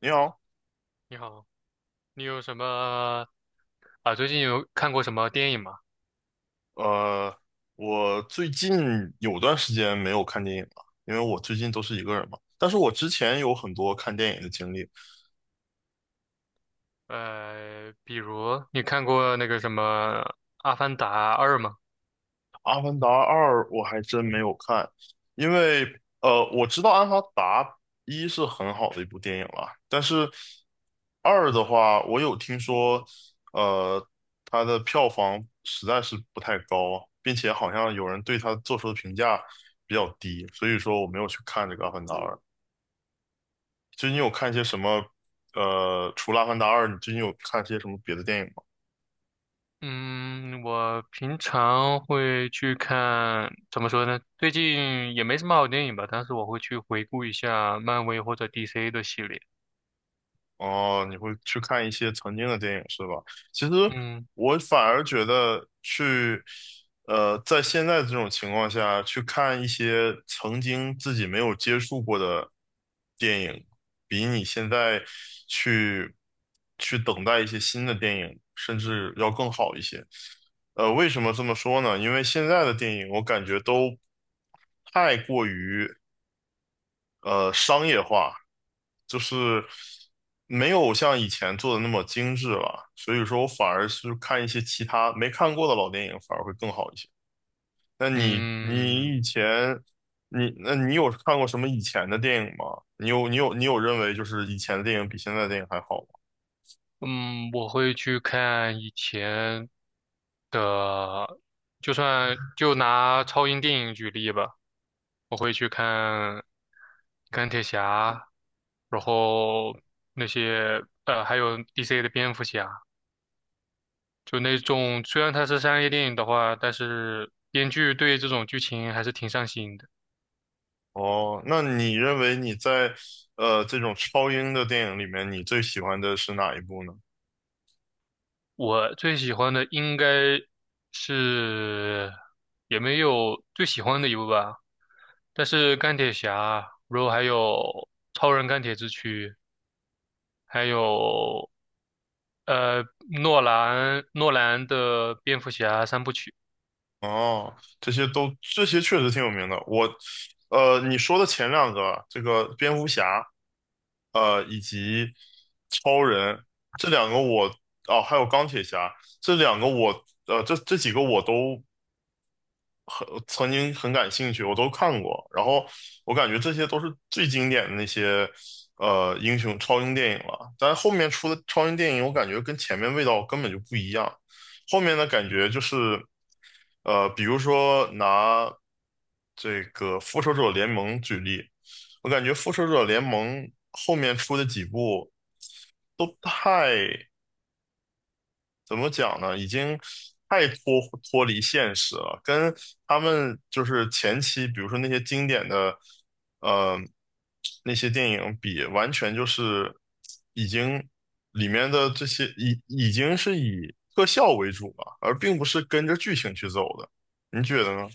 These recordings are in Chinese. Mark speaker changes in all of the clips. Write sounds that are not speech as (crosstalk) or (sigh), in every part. Speaker 1: 你好，
Speaker 2: 你好，你有什么啊？最近有看过什么电影吗？
Speaker 1: 呃，我最近有段时间没有看电影了，因为我最近都是一个人嘛。但是我之前有很多看电影的经历，
Speaker 2: 比如你看过那个什么《阿凡达二》吗？
Speaker 1: 《阿凡达二》我还真没有看，因为我知道《阿凡达一》是很好的一部电影了，但是二的话，我有听说，呃，它的票房实在是不太高，并且好像有人对它做出的评价比较低，所以说我没有去看这个《阿凡达二》。就你有看一些什么？除了《阿凡达二》，你最近有看一些什么别的电影吗？
Speaker 2: 嗯，我平常会去看，怎么说呢？最近也没什么好电影吧，但是我会去回顾一下漫威或者 DC 的系列。
Speaker 1: 哦，你会去看一些曾经的电影是吧？其实
Speaker 2: 嗯
Speaker 1: 我反而觉得去，在现在这种情况下去看一些曾经自己没有接触过的电影，比你现在去去等待一些新的电影，甚至要更好一些。为什么这么说呢？因为现在的电影我感觉都太过于商业化，就是没有像以前做的那么精致了，所以说我反而是看一些其他没看过的老电影，反而会更好一些。那你以
Speaker 2: 嗯
Speaker 1: 前你有看过什么以前的电影吗？你有认为就是以前的电影比现在的电影还好吗？
Speaker 2: 嗯，我会去看以前的，就算就拿超英电影举例吧。我会去看钢铁侠，然后那些还有 DC 的蝙蝠侠，就那种虽然它是商业电影的话，但是编剧对这种剧情还是挺上心的。
Speaker 1: 哦，那你认为你在这种超英的电影里面，你最喜欢的是哪一部呢？
Speaker 2: 我最喜欢的应该是，也没有最喜欢的一部吧，但是钢铁侠，然后还有超人钢铁之躯，还有呃诺兰的蝙蝠侠三部曲。
Speaker 1: 哦，这些确实挺有名的。我，你说的前两个，这个蝙蝠侠，以及超人这两个我，哦，还有钢铁侠这两个我，这几个我都曾经很感兴趣，我都看过。然后我感觉这些都是最经典的那些，英雄超英电影了。但是后面出的超英电影，我感觉跟前面味道根本就不一样。后面的感觉就是。比如说拿这个《复仇者联盟》举例，我感觉《复仇者联盟》后面出的几部都太，怎么讲呢，已经太脱离现实了，跟他们就是前期，比如说那些经典的，呃，那些电影比，完全就是已经里面的这些已经是以特效为主了，而并不是跟着剧情去走的，你觉得呢？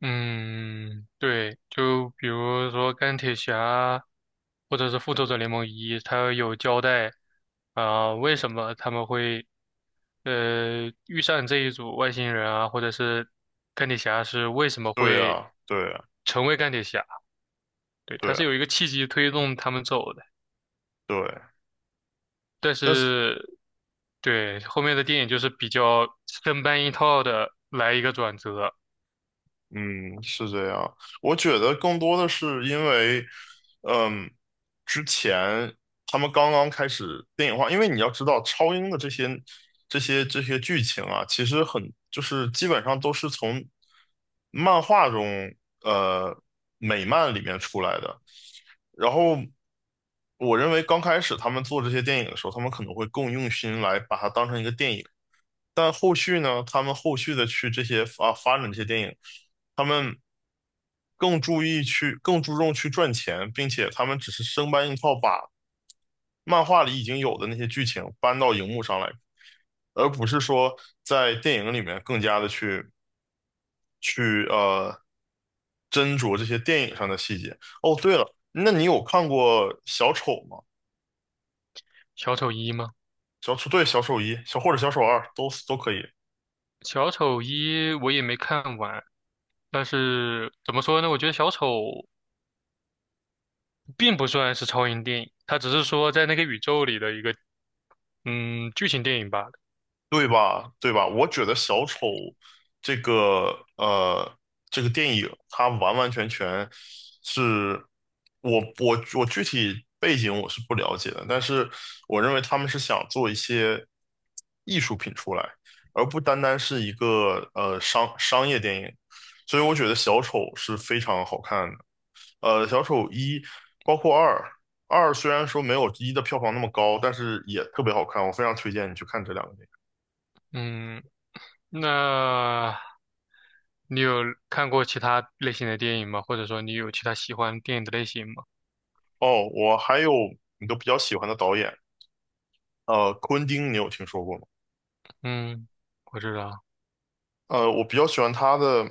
Speaker 2: 嗯，对，就比如说钢铁侠，或者是复仇者联盟一，它有交代啊，为什么他们会遇上这一组外星人啊，或者是钢铁侠是为什么
Speaker 1: 对
Speaker 2: 会
Speaker 1: 啊，对啊，
Speaker 2: 成为钢铁侠？对，
Speaker 1: 对
Speaker 2: 它是有
Speaker 1: 啊，
Speaker 2: 一个契机推动他们走的，
Speaker 1: 对，
Speaker 2: 但
Speaker 1: 但是，
Speaker 2: 是对后面的电影就是比较生搬硬套的来一个转折。
Speaker 1: 嗯，是这样。我觉得更多的是因为，嗯，之前他们刚刚开始电影化，因为你要知道，超英的这些剧情啊，其实很就是基本上都是从漫画中，呃，美漫里面出来的。然后，我认为刚开始他们做这些电影的时候，他们可能会更用心来把它当成一个电影。但后续呢，他们后续的去这些啊发展这些电影，他们更注重去赚钱，并且他们只是生搬硬套把漫画里已经有的那些剧情搬到荧幕上来，而不是说在电影里面更加的去斟酌这些电影上的细节。哦，对了，那你有看过小丑吗？
Speaker 2: 小丑一吗？
Speaker 1: 小丑，对，小丑一，或者小丑二都可以。
Speaker 2: 小丑一我也没看完，但是怎么说呢？我觉得小丑并不算是超英电影，它只是说在那个宇宙里的一个剧情电影罢了。
Speaker 1: 对吧？对吧？我觉得小丑这个呃这个电影，它完完全全是我具体背景我是不了解的，但是我认为他们是想做一些艺术品出来，而不单单是一个商业电影，所以我觉得小丑是非常好看的。小丑一包括二，二虽然说没有一的票房那么高，但是也特别好看，我非常推荐你去看这两个电影。
Speaker 2: 嗯，那你有看过其他类型的电影吗？或者说你有其他喜欢电影的类型吗？
Speaker 1: 哦，我还有一个比较喜欢的导演，昆汀，你有听说过吗？
Speaker 2: 嗯，我知道。
Speaker 1: 我比较喜欢他的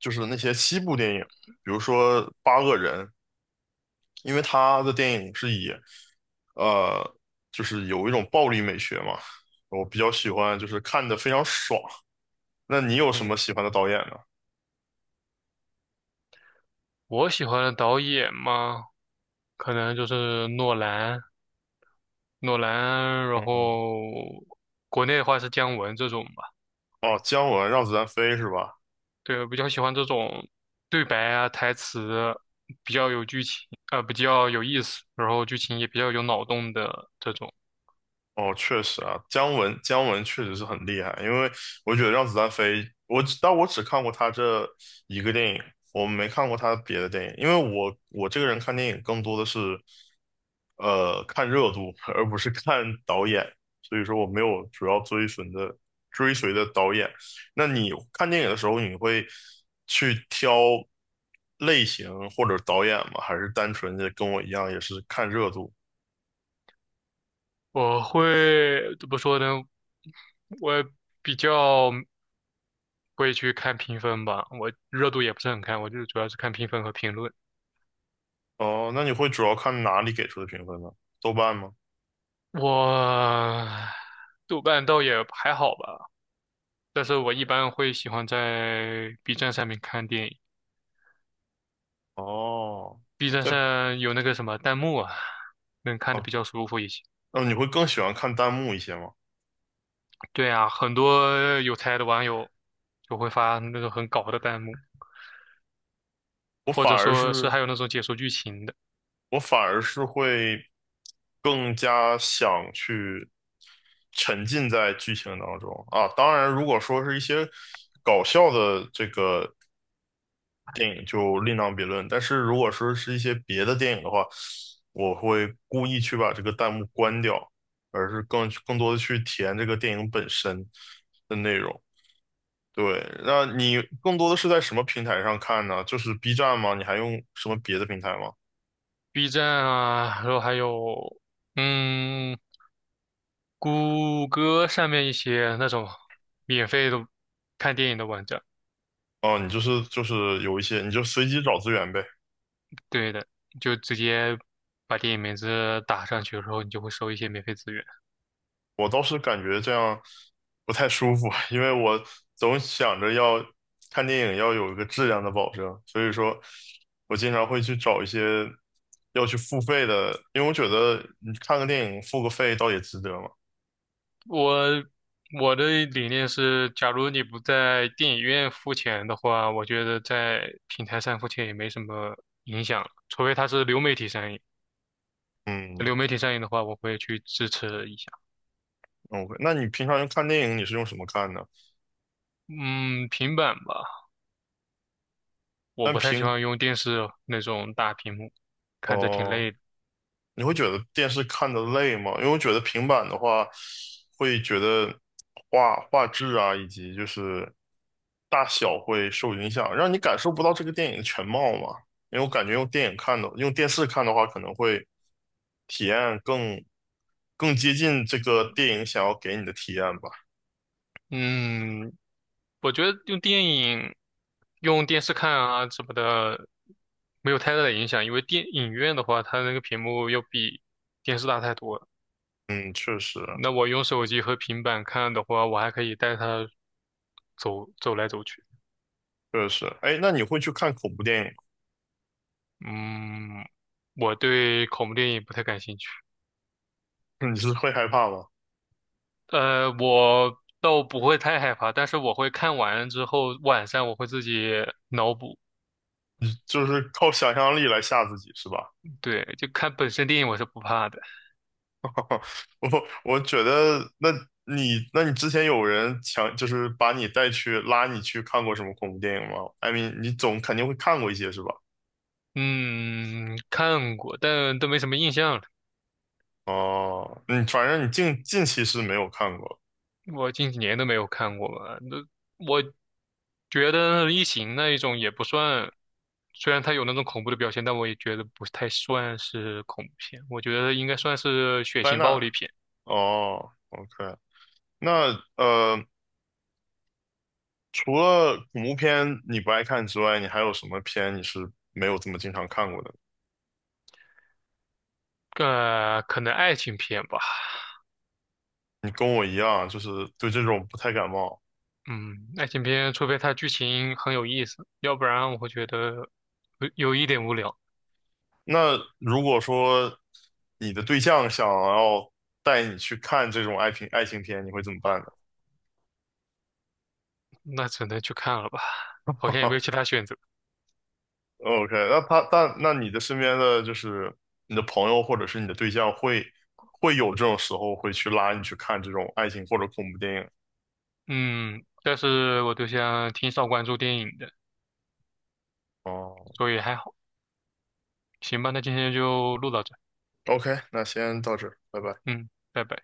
Speaker 1: 就是那些西部电影，比如说《八恶人》，因为他的电影是以呃，就是有一种暴力美学嘛，我比较喜欢，就是看的非常爽。那你有什
Speaker 2: 嗯，
Speaker 1: 么喜欢的导演呢？
Speaker 2: 我喜欢的导演嘛，可能就是诺兰，诺兰，然
Speaker 1: 嗯，
Speaker 2: 后国内的话是姜文这种吧。
Speaker 1: 哦，姜文让子弹飞是吧？
Speaker 2: 对，我比较喜欢这种对白啊，台词比较有剧情，比较有意思，然后剧情也比较有脑洞的这种。
Speaker 1: 哦，确实啊，姜文确实是很厉害，因为我觉得《让子弹飞》，我只看过他这一个电影，我没看过他别的电影，因为我这个人看电影更多的是看热度，而不是看导演，所以说我没有主要追随的导演。那你看电影的时候，你会去挑类型或者导演吗？还是单纯的跟我一样也是看热度？
Speaker 2: 我会怎么说呢？我比较会去看评分吧，我热度也不是很看，我就主要是看评分和评论。
Speaker 1: 哦，那你会主要看哪里给出的评分呢？豆瓣吗？
Speaker 2: 我豆瓣倒也还好吧，但是我一般会喜欢在 B 站上面看电影
Speaker 1: 哦，
Speaker 2: ，B 站
Speaker 1: 在
Speaker 2: 上有那个什么弹幕啊，能看
Speaker 1: 哦，
Speaker 2: 的比较舒服一些。
Speaker 1: 那你会更喜欢看弹幕一些吗？
Speaker 2: 对啊，很多有才的网友就会发那种很搞的弹幕，
Speaker 1: 我
Speaker 2: 或
Speaker 1: 反
Speaker 2: 者
Speaker 1: 而
Speaker 2: 说是
Speaker 1: 是
Speaker 2: 还有那种解说剧情的
Speaker 1: 我反而是会更加想去沉浸在剧情当中啊。当然，如果说是一些搞笑的这个电影就另当别论，但是如果说是一些别的电影的话，我会故意去把这个弹幕关掉，而是更多的去体验这个电影本身的内容。对，那你更多的是在什么平台上看呢？就是 B 站吗？你还用什么别的平台吗？
Speaker 2: ，B 站啊，然后还有嗯，谷歌上面一些那种免费的看电影的网站。
Speaker 1: 哦，你就是有一些，你就随机找资源呗。
Speaker 2: 对的，就直接把电影名字打上去，然后你就会收一些免费资源。
Speaker 1: 我倒是感觉这样不太舒服，(laughs) 因为我总想着要看电影要有一个质量的保证，所以说我经常会去找一些要去付费的，因为我觉得你看个电影付个费倒也值得嘛。
Speaker 2: 我我的理念是，假如你不在电影院付钱的话，我觉得在平台上付钱也没什么影响，除非它是流媒体上映。
Speaker 1: 嗯
Speaker 2: 流媒体上映的话，我会去支持一下。
Speaker 1: ，OK，那你平常用看电影你是用什么看呢？
Speaker 2: 嗯，平板吧，我
Speaker 1: 但
Speaker 2: 不太喜
Speaker 1: 平
Speaker 2: 欢用电视那种大屏幕，看着挺
Speaker 1: 哦。
Speaker 2: 累的。
Speaker 1: 你会觉得电视看的累吗？因为我觉得平板的话，会觉得画质啊，以及就是大小会受影响，让你感受不到这个电影的全貌嘛。因为我感觉用电影看的，用电视看的话，可能会体验更接近这个电影想要给你的体验吧。
Speaker 2: 嗯，我觉得用电影、用电视看啊什么的，没有太大的影响，因为电影院的话，它那个屏幕要比电视大太多了。
Speaker 1: 嗯，确实
Speaker 2: 那我用手机和平板看的话，我还可以带它走走来走去。
Speaker 1: 确实。哎，那你会去看恐怖电影吗？
Speaker 2: 嗯，我对恐怖电影不太感兴趣。
Speaker 1: (laughs) 你是会害怕吗？
Speaker 2: 我倒不会太害怕，但是我会看完之后，晚上我会自己脑补。
Speaker 1: 你就是靠想象力来吓自己是吧？
Speaker 2: 对，就看本身电影我是不怕的。
Speaker 1: (laughs) 我觉得，那你之前有人强，就是把你带去拉你去看过什么恐怖电影吗，艾米，你总肯定会看过一些是吧？
Speaker 2: 嗯，看过，但都没什么印象了。
Speaker 1: 哦，你反正你近期是没有看过，
Speaker 2: 我近几年都没有看过吧，那我觉得《异形》那一种也不算，虽然它有那种恐怖的表现，但我也觉得不太算是恐怖片。我觉得应该算是血
Speaker 1: 灾
Speaker 2: 腥暴
Speaker 1: 难，
Speaker 2: 力片。
Speaker 1: 哦，OK，那除了恐怖片你不爱看之外，你还有什么片你是没有这么经常看过的？
Speaker 2: 可能爱情片吧。
Speaker 1: 你跟我一样，就是对这种不太感冒。
Speaker 2: 嗯，爱情片，除非它剧情很有意思，要不然我会觉得有一点无聊，
Speaker 1: 那如果说你的对象想要带你去看这种爱情片，你会怎么办呢？
Speaker 2: 那只能去看了吧。好像也
Speaker 1: (laughs)
Speaker 2: 没有其他选择。
Speaker 1: ？OK，那他但那你的身边的就是你的朋友或者是你的对象会有这种时候会去拉你去看这种爱情或者恐怖电影。
Speaker 2: 嗯，但是我对象挺少关注电影的，
Speaker 1: 哦，
Speaker 2: 所以还好。行吧，那今天就录到这。
Speaker 1: OK，那先到这儿，拜拜。
Speaker 2: 嗯，拜拜。